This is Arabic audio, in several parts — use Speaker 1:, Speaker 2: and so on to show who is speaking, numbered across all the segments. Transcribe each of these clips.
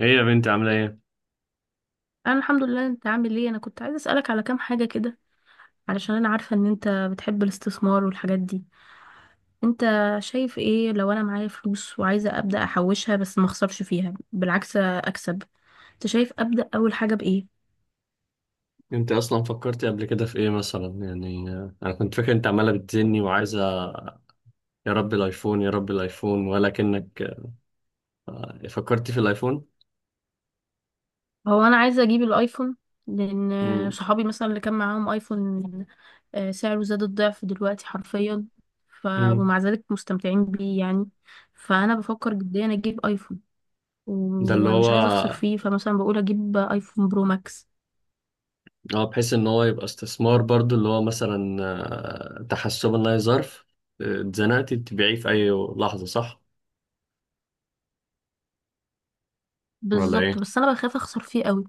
Speaker 1: ايه يا بنتي عاملة ايه؟
Speaker 2: انا الحمد لله. انت عامل ايه؟ انا كنت عايزه اسالك على كام حاجه كده، علشان انا عارفه ان انت بتحب الاستثمار والحاجات دي. انت شايف ايه لو انا معايا فلوس وعايزه ابدا احوشها، بس ما اخسرش فيها، بالعكس اكسب؟ انت شايف ابدا اول حاجه بايه؟
Speaker 1: انت اصلا فكرتي قبل كده في ايه مثلا يعني انا كنت فاكر انت عمالة بتزني وعايزة يا رب الايفون، يا رب الايفون، ولكنك فكرتي في الايفون؟
Speaker 2: هو انا عايزه اجيب الايفون، لان
Speaker 1: مم.
Speaker 2: صحابي مثلا اللي كان معاهم ايفون، سعره زاد الضعف دلوقتي حرفيا. ف
Speaker 1: مم.
Speaker 2: ومع ذلك مستمتعين بيه يعني. فانا بفكر جديا اجيب ايفون،
Speaker 1: ده اللي
Speaker 2: ومش عايزه اخسر
Speaker 1: هو،
Speaker 2: فيه، فمثلا بقول اجيب ايفون برو ماكس.
Speaker 1: اه بحيث ان هو يبقى استثمار برضو اللي هو مثلا تحسبا لا ظرف، اتزنقتي تبيعيه في اي لحظة، صح؟ ولا ايه؟
Speaker 2: بالظبط، بس انا بخاف اخسر فيه قوي.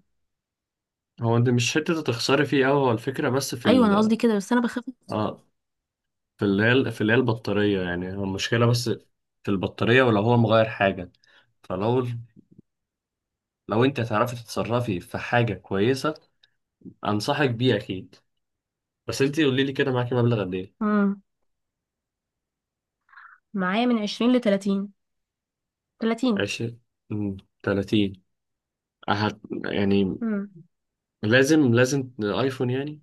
Speaker 1: هو انت مش حتة تخسري فيه اوي، هو الفكرة بس في
Speaker 2: ايوه، انا
Speaker 1: ال،
Speaker 2: قصدي كده، بس انا بخاف.
Speaker 1: اه في اللي هي البطارية، يعني هو المشكلة بس في البطارية، ولو هو مغير حاجة، فلو انت هتعرفي تتصرفي في حاجة كويسة انصحك بيه اكيد. بس انت قولي لي كده، معاكي مبلغ قد ايه؟
Speaker 2: امم معايا من 20 ل 30. 30.
Speaker 1: عشرين، تلاتين؟ يعني
Speaker 2: امم
Speaker 1: لازم ايفون يعني؟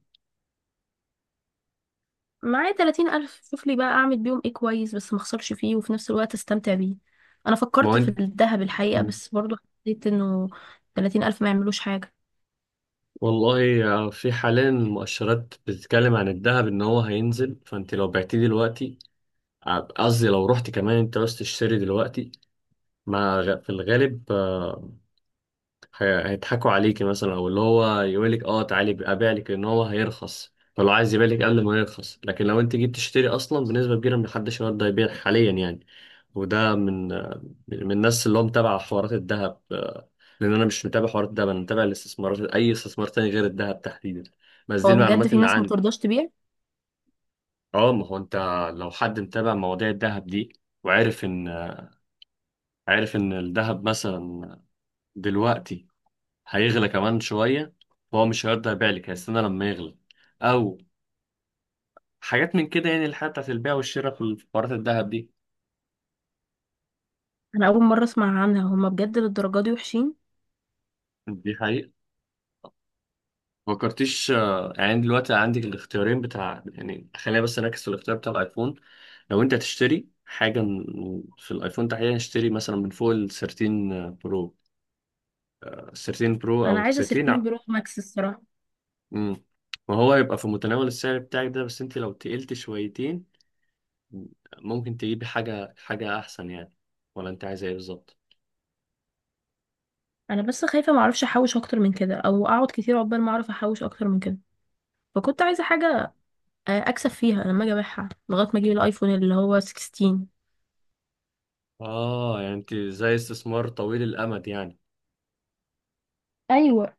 Speaker 2: معايا 30 الف. شوف لي بقى اعمل بيهم ايه كويس، بس ما اخسرش فيه وفي نفس الوقت استمتع بيه. انا
Speaker 1: ما هو
Speaker 2: فكرت في
Speaker 1: انت.
Speaker 2: الذهب الحقيقه،
Speaker 1: مم.
Speaker 2: بس برضو حسيت انه 30 الف ما يعملوش حاجه.
Speaker 1: والله في حاليا المؤشرات بتتكلم عن الذهب ان هو هينزل، فانت لو بعتيه دلوقتي، قصدي لو رحت كمان انت عاوز تشتري دلوقتي، ما غ- في الغالب هيضحكوا عليكي، مثلا، او اللي هو يقولك اه تعالي ابيع لك ان هو هيرخص، فلو عايز يبيع لك قبل ما يرخص، لكن لو انت جيت تشتري اصلا، بنسبه كبيره محدش يقدر يبيع حاليا يعني. وده من الناس اللي هو متابع حوارات الذهب لان انا مش متابع حوارات الذهب، انا متابع الاستثمارات، اي استثمار تاني غير الذهب تحديدا، بس دي
Speaker 2: هو بجد
Speaker 1: المعلومات
Speaker 2: في
Speaker 1: اللي
Speaker 2: ناس ما
Speaker 1: عندي.
Speaker 2: بترضاش تبيع؟
Speaker 1: اه، ما هو انت لو حد متابع مواضيع الذهب دي، وعارف ان عارف ان الذهب مثلا دلوقتي هيغلى كمان شوية، فهو مش هيرضى يبيع لك، هيستنى لما يغلى، أو حاجات من كده يعني، الحاجات بتاعت البيع والشراء في الحوارات الذهب دي.
Speaker 2: انا اول مره اسمع عنها. هما بجد للدرجه دي وحشين؟
Speaker 1: دي حقيقة. فكرتيش يعني دلوقتي عندك الاختيارين بتاع، يعني خلينا بس نركز في الاختيار بتاع الأيفون. لو أنت تشتري حاجة في الأيفون تحديدا، اشتري مثلا من فوق ال 13 برو، ال 13 برو أو
Speaker 2: انا
Speaker 1: ال
Speaker 2: عايزه
Speaker 1: 13
Speaker 2: سيرتين
Speaker 1: ع-
Speaker 2: برو ماكس الصراحه.
Speaker 1: مم. وهو يبقى في متناول السعر بتاعك ده، بس أنت لو تقلت شويتين ممكن تجيبي حاجة أحسن يعني. ولا أنت عايزة إيه بالظبط؟
Speaker 2: انا بس خايفه ما اعرفش احوش اكتر من كده، او اقعد كتير عقبال ما اعرف احوش اكتر من كده. فكنت عايزه حاجه اكسب فيها لما اجي ابيعها لغايه ما اجيب الايفون اللي هو 16.
Speaker 1: آه يعني أنت زي استثمار طويل الأمد يعني.
Speaker 2: ايوه.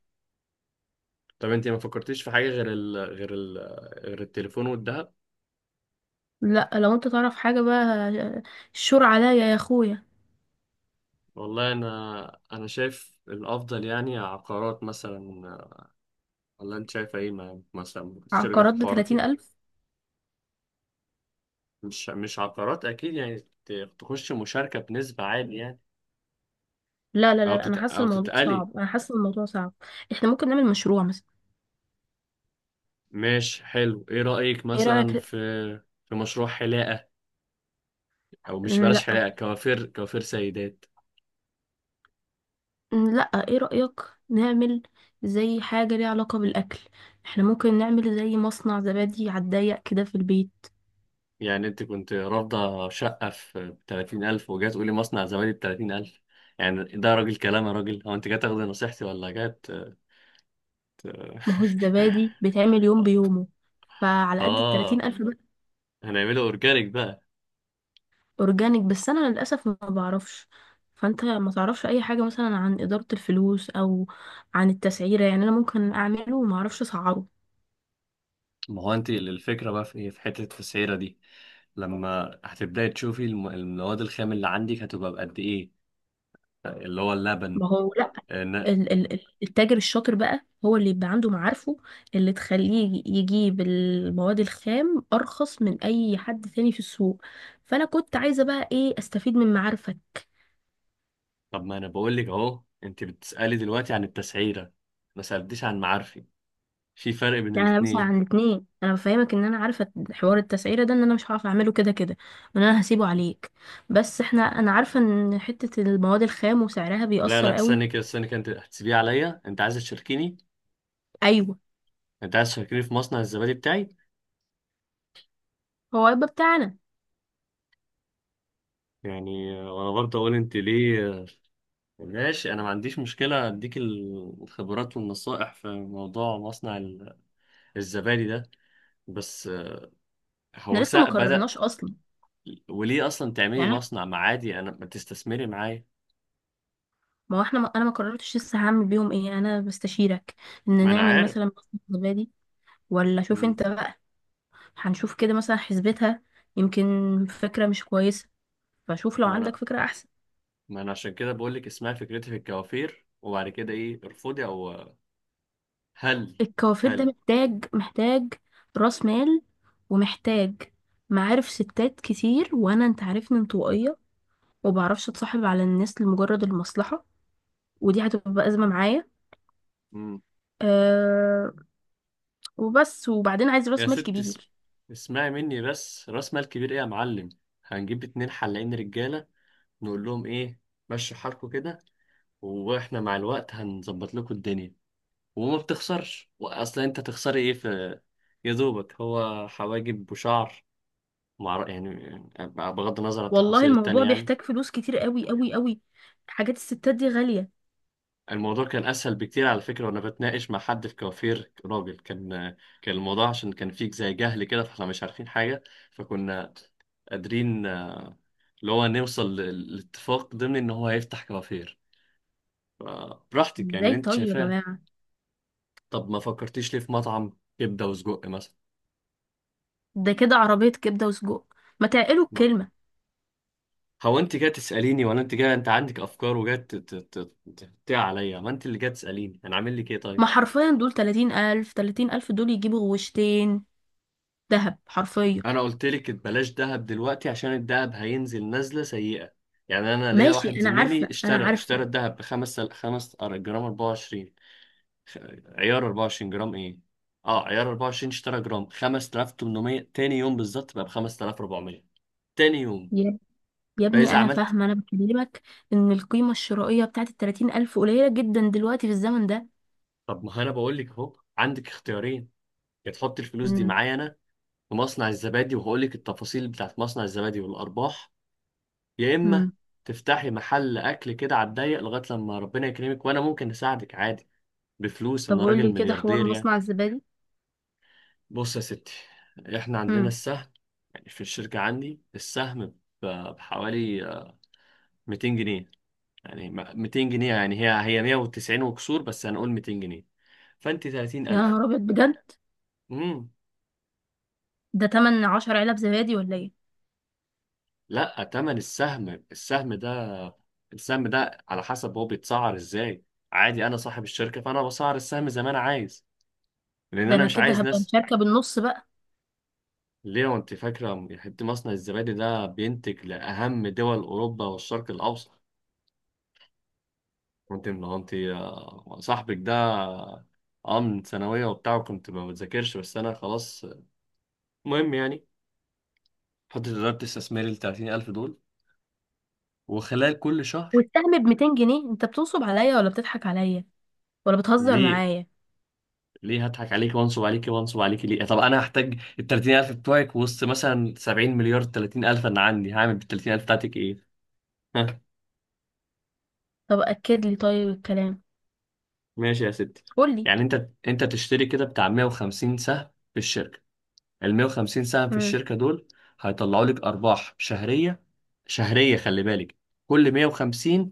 Speaker 1: طب أنت ما فكرتيش في حاجة غير التليفون والذهب؟
Speaker 2: لا، لو انت تعرف حاجه بقى آه، الشور عليا يا اخويا.
Speaker 1: والله أنا شايف الأفضل يعني عقارات مثلا، ولا أنت شايفة إيه؟ مثلا ممكن تشتركي في
Speaker 2: عقارات ب
Speaker 1: الحوارات
Speaker 2: 30
Speaker 1: دي؟
Speaker 2: الف؟
Speaker 1: مش عقارات أكيد يعني، تخش مشاركة بنسبة عالية يعني،
Speaker 2: لا لا لا، انا حاسه
Speaker 1: أو
Speaker 2: الموضوع
Speaker 1: تتقلي.
Speaker 2: صعب، انا حاسه الموضوع صعب. احنا ممكن نعمل مشروع مثلا.
Speaker 1: ماشي، حلو. إيه رأيك
Speaker 2: ايه
Speaker 1: مثلا
Speaker 2: رايك؟
Speaker 1: في مشروع حلاقة؟ او مش، بلاش
Speaker 2: لا.
Speaker 1: حلاقه، كوافير، كوافير سيدات.
Speaker 2: لا. ايه رايك نعمل زي حاجه ليها علاقه بالاكل؟ احنا ممكن نعمل زي مصنع زبادي على الضيق كده في البيت.
Speaker 1: يعني انت كنت رافضه شقه في 30,000 وجاي تقولي مصنع زبادي ب 30,000؟ يعني ده راجل كلام يا راجل، هو انت جاي تاخدي نصيحتي ولا جاي ت-
Speaker 2: ما هو الزبادي بيتعمل يوم بيومه، فعلى قد ال 30
Speaker 1: اه،
Speaker 2: الف.
Speaker 1: هنعمله اورجانيك بقى.
Speaker 2: اورجانيك، بس انا للاسف ما بعرفش. فانت ما تعرفش اي حاجه مثلا عن اداره الفلوس، او عن التسعيره؟ يعني انا ممكن اعمله وما اعرفش اسعره.
Speaker 1: ما هو انت الفكره بقى في ايه، في حته التسعيره دي، لما هتبداي تشوفي المواد الخام اللي عندك هتبقى بقد ايه، اللي هو اللبن.
Speaker 2: ما هو لا،
Speaker 1: إن-
Speaker 2: التاجر الشاطر بقى هو اللي يبقى عنده معارفه اللي تخليه يجيب المواد الخام ارخص من اي حد تاني في السوق. فانا كنت عايزه بقى ايه؟ استفيد من معارفك.
Speaker 1: طب ما انا بقول لك اهو، انت بتسالي دلوقتي عن التسعيره، ما سالتيش عن معارفي، في فرق بين
Speaker 2: لا، انا بسأل عن
Speaker 1: الاتنين.
Speaker 2: الاتنين. انا بفهمك ان انا عارفه حوار التسعيره ده، ان انا مش هعرف اعمله كده كده، وان انا هسيبه عليك. بس احنا، انا عارفه ان حته المواد الخام وسعرها
Speaker 1: لا
Speaker 2: بيأثر
Speaker 1: لا،
Speaker 2: قوي.
Speaker 1: استني كده، استني كده، انت هتسيبيه عليا؟ انت عايز تشاركيني؟
Speaker 2: ايوه.
Speaker 1: انت عايز تشاركيني في مصنع الزبادي بتاعي؟
Speaker 2: هو هيبقى بتاعنا.
Speaker 1: يعني وانا برضه اقول انت ليه ماشي. انا ما عنديش مشكله اديك الخبرات والنصائح في موضوع مصنع الزبادي ده، بس
Speaker 2: احنا
Speaker 1: هو
Speaker 2: لسه ما
Speaker 1: سا بدأت،
Speaker 2: قررناش اصلا.
Speaker 1: وليه اصلا تعملي
Speaker 2: يعني
Speaker 1: مصنع، ما عادي انا، ما تستثمري معايا.
Speaker 2: ما هو احنا، ما انا ما قررتش لسه هعمل بيهم ايه، انا بستشيرك ان
Speaker 1: ما انا
Speaker 2: نعمل
Speaker 1: عارف.
Speaker 2: مثلا بصمه زبادي. ولا شوف
Speaker 1: مم.
Speaker 2: انت بقى. هنشوف كده مثلا، حسبتها يمكن فكره مش كويسه. فشوف لو
Speaker 1: ما
Speaker 2: عندك
Speaker 1: انا،
Speaker 2: فكره احسن.
Speaker 1: عشان كده بقول لك اسمها، فكرتي في الكوافير وبعد كده ايه، ارفضي او هل
Speaker 2: الكوافير ده
Speaker 1: هل
Speaker 2: محتاج، راس مال، ومحتاج معارف ستات كتير، وانا انت عارفني انطوائيه، وبعرفش اتصاحب على الناس لمجرد المصلحه، ودي هتبقى ازمه معايا. أه. وبس. وبعدين عايز
Speaker 1: يا
Speaker 2: راس مال
Speaker 1: ست
Speaker 2: كبير.
Speaker 1: اسمعي مني بس، راس مال كبير ايه يا معلم، هنجيب اتنين حلاقين رجاله، نقول لهم ايه، مشوا حالكوا كده، واحنا مع الوقت هنظبط لكم الدنيا، وما بتخسرش، واصلا انت تخسري ايه في، يا دوبك هو حواجب وشعر، مع يعني بغض النظر عن
Speaker 2: والله
Speaker 1: التفاصيل التانية
Speaker 2: الموضوع
Speaker 1: يعني.
Speaker 2: بيحتاج فلوس كتير قوي قوي قوي. حاجات الستات دي غاليه.
Speaker 1: الموضوع كان اسهل بكتير على فكره، وانا بتناقش مع حد في كوافير راجل، كان كان الموضوع عشان كان فيك زي جهل كده، فاحنا مش عارفين حاجه، فكنا قادرين اللي هو نوصل لاتفاق ضمن ان هو هيفتح كوافير. فبراحتك يعني،
Speaker 2: ازاي
Speaker 1: اللي انت
Speaker 2: طيب يا
Speaker 1: شايفاه.
Speaker 2: جماعه؟
Speaker 1: طب ما فكرتيش ليه في مطعم كبده وسجق مثلا؟
Speaker 2: ده كده عربيه كبده وسجق. ما تعقلوا
Speaker 1: ما-
Speaker 2: الكلمه.
Speaker 1: هو انت جاي تساليني ولا انت جاي، انت عندك افكار وجاي تقطع عليا؟ ما انت اللي جاي تساليني، انا عامل لك ايه طيب؟
Speaker 2: ما حرفيا دول 30,000، دول يجيبوا غوشتين دهب حرفيا.
Speaker 1: انا قلت لك بلاش دهب دلوقتي عشان الدهب هينزل نزله سيئه، يعني انا ليا
Speaker 2: ماشي،
Speaker 1: واحد
Speaker 2: انا
Speaker 1: زميلي
Speaker 2: عارفه، انا
Speaker 1: اشترى
Speaker 2: عارفه.
Speaker 1: اشترى الدهب بخمس، جرام 24، خ- عيار 24 جرام ايه، اه عيار 24 اشترى جرام 5800، تاني يوم بالظبط بقى ب 5400، تاني يوم.
Speaker 2: يا يا ابني
Speaker 1: فاذا
Speaker 2: انا
Speaker 1: عملت،
Speaker 2: فاهمه. انا بكلمك ان القيمه الشرائيه بتاعت الـ30 ألف قليله جدا دلوقتي في الزمن ده.
Speaker 1: طب ما انا بقول لك اهو، عندك اختيارين، يا تحط الفلوس دي
Speaker 2: امم.
Speaker 1: معايا انا في مصنع الزبادي، وهقول لك التفاصيل بتاعت مصنع الزبادي والارباح، يا اما
Speaker 2: امم.
Speaker 1: تفتحي محل اكل كده على الضيق لغايه لما ربنا يكرمك، وانا ممكن اساعدك عادي بفلوس،
Speaker 2: طب
Speaker 1: انا
Speaker 2: قول
Speaker 1: راجل
Speaker 2: لي كده حوار
Speaker 1: ملياردير يعني.
Speaker 2: مصنع الزبادي.
Speaker 1: بص يا ستي، احنا عندنا
Speaker 2: امم.
Speaker 1: السهم، يعني في الشركه عندي السهم ب- بحوالي 200 جنيه، يعني 200 جنيه، يعني هي 190 وكسور، بس هنقول 200 جنيه. فانت
Speaker 2: يا
Speaker 1: 30,000.
Speaker 2: نهار ابيض بجد!
Speaker 1: امم.
Speaker 2: ده تمن 10 علب زبادي ولا ايه؟
Speaker 1: لا، تمن السهم، السهم ده على حسب هو بيتسعر ازاي، عادي انا صاحب الشركه، فانا بسعر السهم زي ما انا عايز، لان
Speaker 2: ده
Speaker 1: انا
Speaker 2: انا
Speaker 1: مش
Speaker 2: كده
Speaker 1: عايز
Speaker 2: هبقى
Speaker 1: ناس.
Speaker 2: مشاركه بالنص بقى.
Speaker 1: ليه وانت فاكرة حتة مصنع الزبادي ده بينتج لأهم دول أوروبا والشرق الأوسط؟ وانت من انت، صاحبك ده اه من ثانوية وبتاع، كنت ما بذاكرش، بس أنا خلاص، المهم يعني، حطيت إدارة استثماري التلاتين ألف دول، وخلال كل شهر،
Speaker 2: والسهم ب 200 جنيه؟ انت بتنصب عليا ولا بتضحك عليا ولا بتهزر
Speaker 1: ليه
Speaker 2: معايا؟
Speaker 1: ليه هضحك عليكي وانصب عليكي ليه؟ طب أنا هحتاج التلاتين ألف بتوعك وسط مثلا سبعين مليار؟ تلاتين ألف أنا عندي هعمل بالتلاتين ألف بتاعتك إيه؟
Speaker 2: طب اكد لي طيب الكلام.
Speaker 1: ماشي يا ستي،
Speaker 2: قول لي.
Speaker 1: يعني انت تشتري كده بتاع 150 سهم في الشركه، ال 150 سهم في
Speaker 2: امم.
Speaker 1: الشركه دول هيطلعوا لك ارباح شهريه، شهريه خلي بالك، كل 150،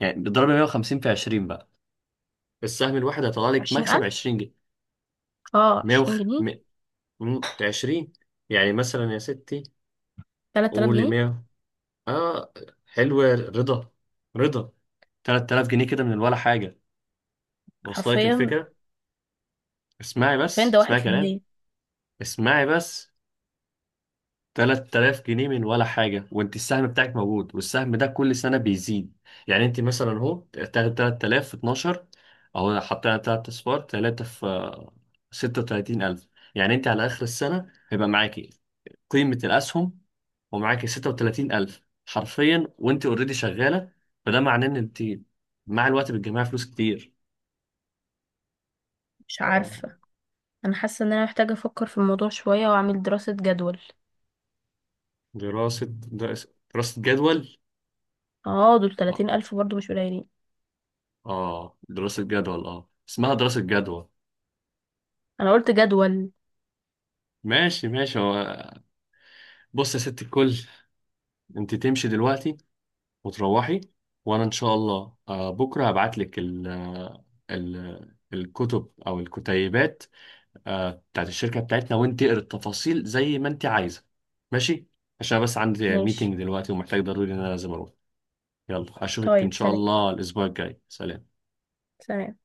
Speaker 1: يعني بتضرب 150 في 20 بقى، السهم الواحد هيطلع لك مكسب
Speaker 2: 20,000.
Speaker 1: 20 جنيه.
Speaker 2: اه،
Speaker 1: 100
Speaker 2: 20
Speaker 1: وخ...
Speaker 2: جنيه
Speaker 1: م... م- 20، يعني مثلا يا ستي
Speaker 2: 3000
Speaker 1: قولي
Speaker 2: جنيه
Speaker 1: 100، اه، حلو يا رضا، رضا، 3000 جنيه كده من ولا حاجه، واصله لك
Speaker 2: حرفيا.
Speaker 1: الفكره؟ اسمعي
Speaker 2: حرفيا
Speaker 1: بس،
Speaker 2: ده
Speaker 1: اسمعي كلام،
Speaker 2: 1%.
Speaker 1: اسمعي بس، 3000 جنيه من ولا حاجة، وانت السهم بتاعك موجود، والسهم ده كل سنة بيزيد، يعني انت مثلا اهو، تاخد 3000 في 12، اهو حطينا 3 اصفار، 3 في 36,000، يعني انت على اخر السنة هيبقى معاكي قيمة الاسهم، ومعاكي 36,000 حرفيا وانت اوريدي شغالة. فده معناه ان انت مع الوقت بتجمعي فلوس كتير.
Speaker 2: مش
Speaker 1: آه.
Speaker 2: عارفة. أنا حاسة إن أنا محتاجة أفكر في الموضوع شوية وأعمل دراسة جدول.
Speaker 1: دراسة، دراسة، دراسة جدول؟
Speaker 2: اه، دول
Speaker 1: اه،
Speaker 2: 30 ألف برضو مش قليلين.
Speaker 1: اه، دراسة جدول، اه اسمها دراسة جدول؟
Speaker 2: أنا قلت جدول.
Speaker 1: ماشي، ماشي. هو بص يا ست الكل، انت تمشي دلوقتي وتروحي، وانا ان شاء الله بكره هبعت لك ال الكتب او الكتيبات بتاعت الشركه بتاعتنا، وانت اقري التفاصيل زي ما انت عايزه، ماشي؟ عشان بس عندي
Speaker 2: ماشي.
Speaker 1: ميتنج دلوقتي ومحتاج ضروري ان انا لازم اروح. يلا اشوفك ان
Speaker 2: طيب،
Speaker 1: شاء
Speaker 2: سلام.
Speaker 1: الله الاسبوع الجاي، سلام.
Speaker 2: سلام.